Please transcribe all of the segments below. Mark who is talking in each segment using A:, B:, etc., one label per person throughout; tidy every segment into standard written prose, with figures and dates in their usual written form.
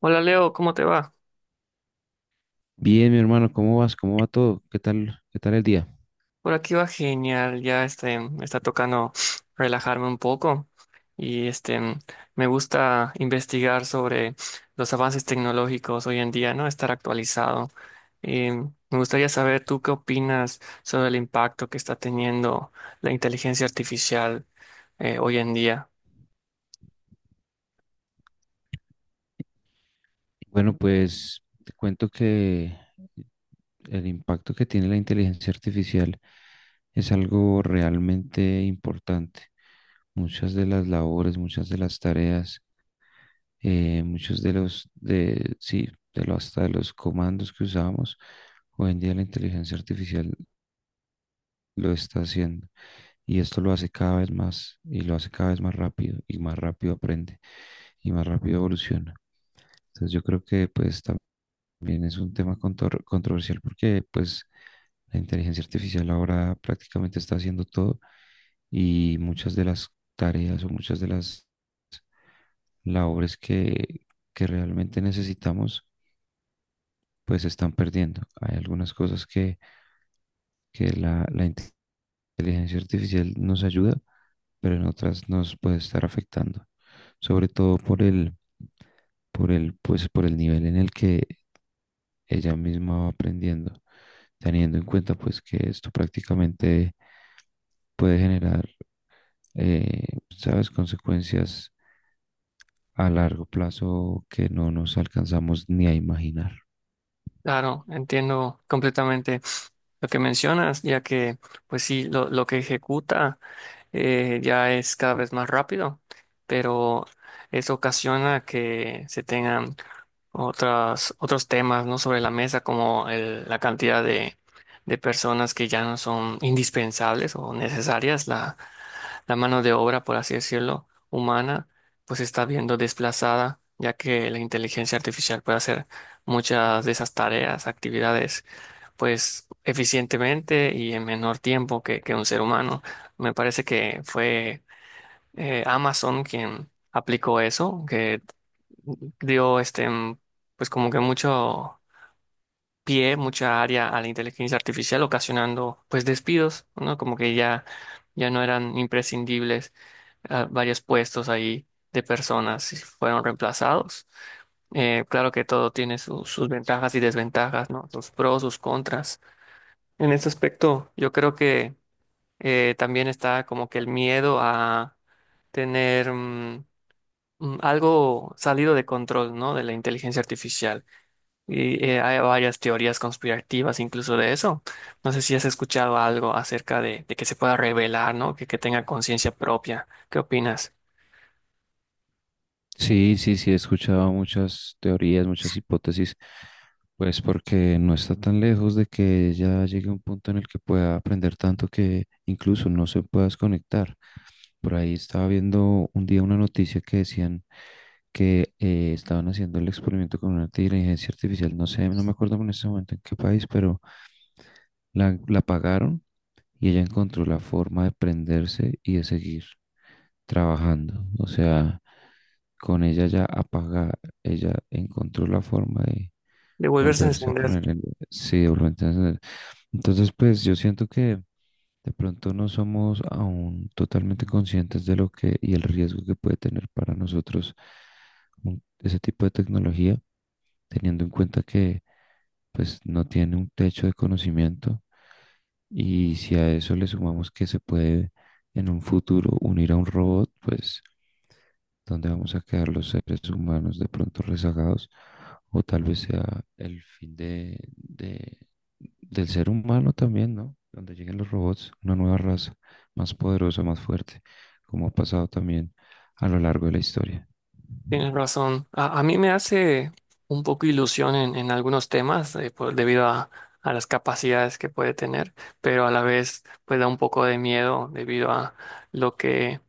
A: Hola Leo, ¿cómo te va?
B: Bien, mi hermano, ¿cómo vas? ¿Cómo va todo? ¿Qué tal? ¿Qué tal el día?
A: Por aquí va genial, me está tocando relajarme un poco y este, me gusta investigar sobre los avances tecnológicos hoy en día, ¿no? Estar actualizado. Y me gustaría saber tú qué opinas sobre el impacto que está teniendo la inteligencia artificial hoy en día.
B: Bueno, pues te cuento que el impacto que tiene la inteligencia artificial es algo realmente importante. Muchas de las labores, muchas de las tareas, muchos de los, de, sí, de los, hasta de los comandos que usábamos, hoy en día la inteligencia artificial lo está haciendo. Y esto lo hace cada vez más y lo hace cada vez más rápido y más rápido aprende y más rápido evoluciona. Entonces yo creo que pues también es un tema controversial porque pues la inteligencia artificial ahora prácticamente está haciendo todo y muchas de las tareas o muchas de las labores que realmente necesitamos pues se están perdiendo. Hay algunas cosas que la inteligencia artificial nos ayuda, pero en otras nos puede estar afectando, sobre todo por el, pues, por el nivel en el que ella misma va aprendiendo, teniendo en cuenta pues que esto prácticamente puede generar, eh, ¿sabes?, consecuencias a largo plazo que no nos alcanzamos ni a imaginar.
A: Claro, entiendo completamente lo que mencionas, ya que pues sí, lo que ejecuta. Ya es cada vez más rápido, pero eso ocasiona que se tengan otras, otros temas, ¿no? Sobre la mesa, como la cantidad de personas que ya no son indispensables o necesarias, la mano de obra, por así decirlo, humana, pues se está viendo desplazada, ya que la inteligencia artificial puede hacer muchas de esas tareas, actividades, pues eficientemente y en menor tiempo que un ser humano. Me parece que fue Amazon quien aplicó eso, que dio pues como que mucho pie, mucha área a la inteligencia artificial, ocasionando pues despidos, ¿no? Como que ya no eran imprescindibles varios puestos ahí de personas y fueron reemplazados. Claro que todo tiene sus ventajas y desventajas, ¿no? Sus pros, sus contras. En este aspecto, yo creo que también está como que el miedo a tener algo salido de control, ¿no? De la inteligencia artificial. Y hay varias teorías conspirativas incluso de eso. No sé si has escuchado algo acerca de que se pueda revelar, ¿no? Que tenga conciencia propia. ¿Qué opinas?
B: Sí, sí, sí, he escuchado muchas teorías, muchas hipótesis, pues porque no está tan lejos de que ya llegue a un punto en el que pueda aprender tanto que incluso no se pueda desconectar. Por ahí estaba viendo un día una noticia que decían que estaban haciendo el experimento con una inteligencia artificial, no sé, no me acuerdo en ese momento en qué país, pero la pagaron y ella encontró la forma de prenderse y de seguir trabajando. O sea, con ella ya apagada, ella encontró la forma de
A: De volverse a
B: volverse a
A: encender.
B: poner en... Sí, de volverse a encender. Entonces, pues yo siento que de pronto no somos aún totalmente conscientes de lo que y el riesgo que puede tener para nosotros ese tipo de tecnología teniendo en cuenta que pues no tiene un techo de conocimiento y si a eso le sumamos que se puede en un futuro unir a un robot, pues dónde vamos a quedar los seres humanos de pronto rezagados o tal vez sea el fin del ser humano también, ¿no? Donde lleguen los robots, una nueva raza más poderosa, más fuerte, como ha pasado también a lo largo de la historia.
A: Tienes razón. A mí me hace un poco ilusión en algunos temas debido a las capacidades que puede tener, pero a la vez pues da un poco de miedo debido a lo que,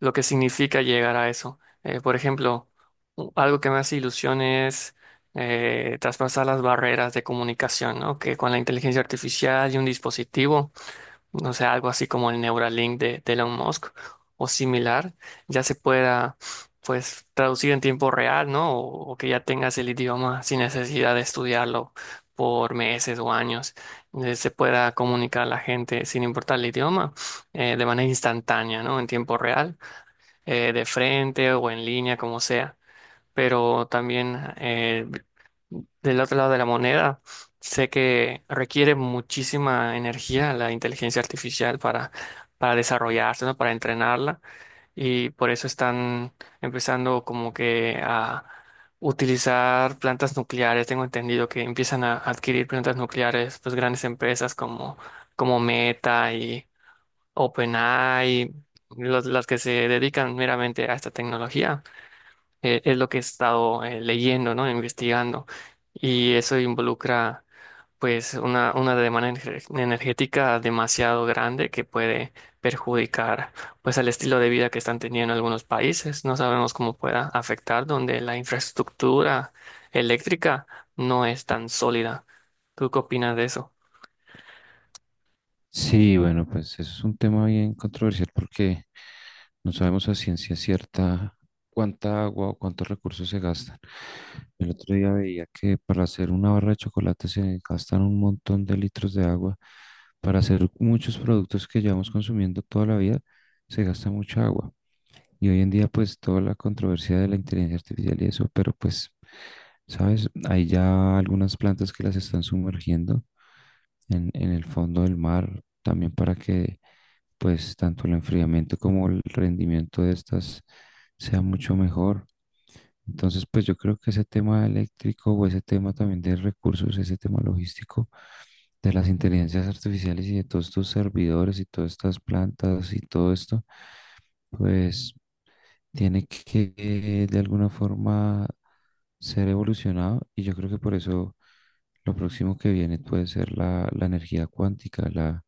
A: lo que significa llegar a eso. Por ejemplo, algo que me hace ilusión es traspasar las barreras de comunicación, ¿no? Que con la inteligencia artificial y un dispositivo no sé, algo así como el Neuralink de Elon Musk o similar, ya se pueda pues traducir en tiempo real, ¿no? O que ya tengas el idioma sin necesidad de estudiarlo por meses o años, se pueda comunicar a la gente sin importar el idioma de manera instantánea, ¿no? En tiempo real, de frente o en línea, como sea. Pero también del otro lado de la moneda, sé que requiere muchísima energía la inteligencia artificial para desarrollarse, ¿no? Para entrenarla y por eso están empezando como que a utilizar plantas nucleares. Tengo entendido que empiezan a adquirir plantas nucleares, pues grandes empresas como Meta y OpenAI, las que se dedican meramente a esta tecnología, es lo que he estado leyendo, ¿no? Investigando. Y eso involucra, pues, una demanda energética demasiado grande que puede perjudicar, pues, al estilo de vida que están teniendo algunos países. No sabemos cómo pueda afectar donde la infraestructura eléctrica no es tan sólida. ¿Tú qué opinas de eso?
B: Sí, bueno, pues eso es un tema bien controversial porque no sabemos a ciencia cierta cuánta agua o cuántos recursos se gastan. El otro día veía que para hacer una barra de chocolate se gastan un montón de litros de agua. Para hacer muchos productos que llevamos consumiendo toda la vida se gasta mucha agua. Y hoy en día pues toda la controversia de la inteligencia artificial y eso, pero pues, ¿sabes? Hay ya algunas plantas que las están sumergiendo en el fondo del mar también para que pues tanto el enfriamiento como el rendimiento de estas sea mucho mejor. Entonces, pues yo creo que ese tema eléctrico o ese tema también de recursos, ese tema logístico de las inteligencias artificiales y de todos estos servidores y todas estas plantas y todo esto, pues tiene que de alguna forma ser evolucionado y yo creo que por eso lo próximo que viene puede ser la energía cuántica, la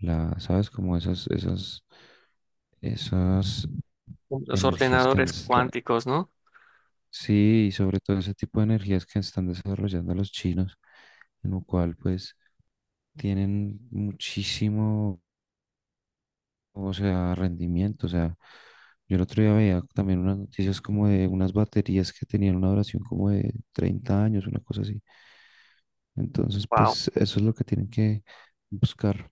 B: la, ¿sabes? Como esas
A: Los
B: energías que han
A: ordenadores
B: desarrollado.
A: cuánticos, ¿no?
B: Sí, y sobre todo ese tipo de energías que están desarrollando los chinos, en lo cual pues tienen muchísimo, o sea, rendimiento. O sea, yo el otro día veía también unas noticias como de unas baterías que tenían una duración como de 30 años, una cosa así. Entonces,
A: Wow.
B: pues eso es lo que tienen que buscar.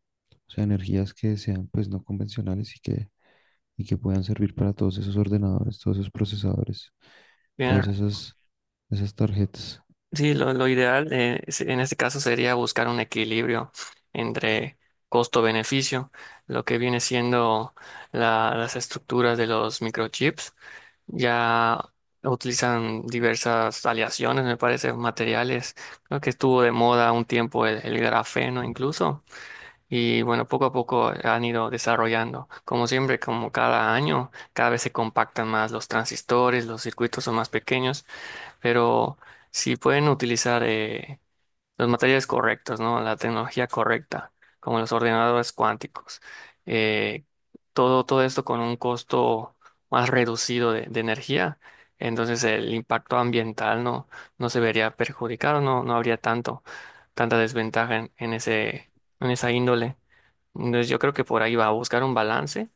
B: O sea, energías que sean pues no convencionales y que puedan servir para todos esos ordenadores, todos esos procesadores, todas esas, esas tarjetas.
A: Sí, lo ideal en este caso sería buscar un equilibrio entre costo-beneficio, lo que viene siendo las estructuras de los microchips. Ya utilizan diversas aleaciones, me parece, materiales. Creo que estuvo de moda un tiempo el grafeno incluso. Y bueno, poco a poco han ido desarrollando. Como siempre, como cada año, cada vez se compactan más los transistores, los circuitos son más pequeños, pero si pueden utilizar los materiales correctos, ¿no? La tecnología correcta, como los ordenadores cuánticos. Eh, todo, todo esto con un costo más reducido de energía, entonces el impacto ambiental no se vería perjudicado, no habría tanta desventaja en en esa índole. Entonces yo creo que por ahí va a buscar un balance,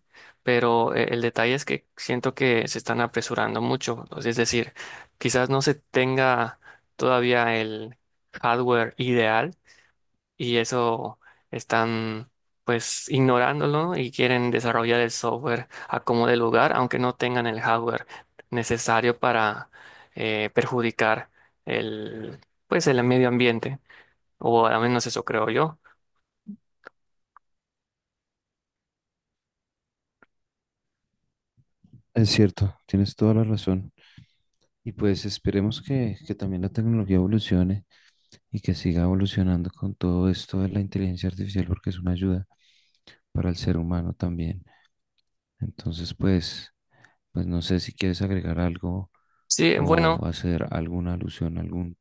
A: pero el detalle es que siento que se están apresurando mucho. Entonces, es decir, quizás no se tenga todavía el hardware ideal y eso están pues ignorándolo y quieren desarrollar el software a como de lugar, aunque no tengan el hardware necesario para perjudicar el pues el medio ambiente, o al menos eso creo yo.
B: Es cierto, tienes toda la razón. Y pues esperemos que también la tecnología evolucione y que siga evolucionando con todo esto de la inteligencia artificial porque es una ayuda para el ser humano también. Entonces, pues, pues no sé si quieres agregar algo
A: Sí,
B: o
A: bueno.
B: hacer alguna alusión, algún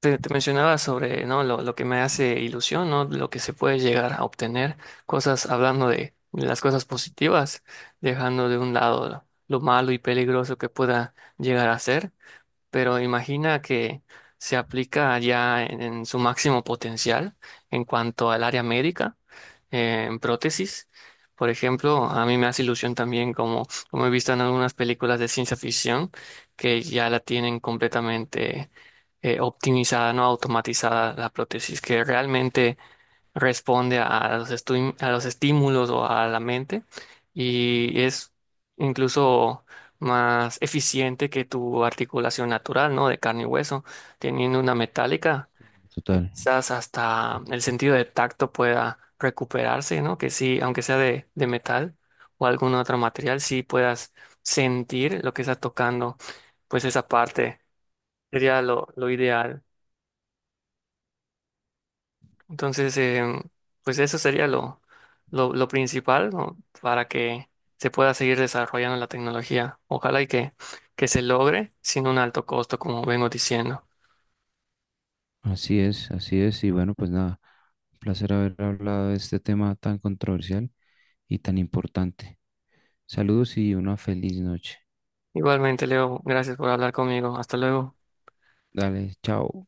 A: Te mencionaba sobre, ¿no? Lo que me hace ilusión, ¿no? Lo que se puede llegar a obtener, cosas hablando de las cosas positivas, dejando de un lado lo malo y peligroso que pueda llegar a ser, pero imagina que se aplica ya en su máximo potencial en cuanto al área médica, en prótesis. Por ejemplo, a mí me hace ilusión también como he visto en algunas películas de ciencia ficción que ya la tienen completamente optimizada, no automatizada la prótesis, que realmente responde a los, a los estímulos o a la mente y es incluso más eficiente que tu articulación natural, ¿no? De carne y hueso, teniendo una metálica,
B: total.
A: quizás hasta el sentido de tacto pueda recuperarse, ¿no? Que sí, aunque sea de metal o algún otro material, sí puedas sentir lo que estás tocando, pues esa parte sería lo ideal. Entonces, pues eso sería lo principal, ¿no? Para que se pueda seguir desarrollando la tecnología. Ojalá y que se logre sin un alto costo, como vengo diciendo.
B: Así es, así es. Y bueno, pues nada, un placer haber hablado de este tema tan controversial y tan importante. Saludos y una feliz noche.
A: Igualmente, Leo, gracias por hablar conmigo. Hasta luego.
B: Dale, chao.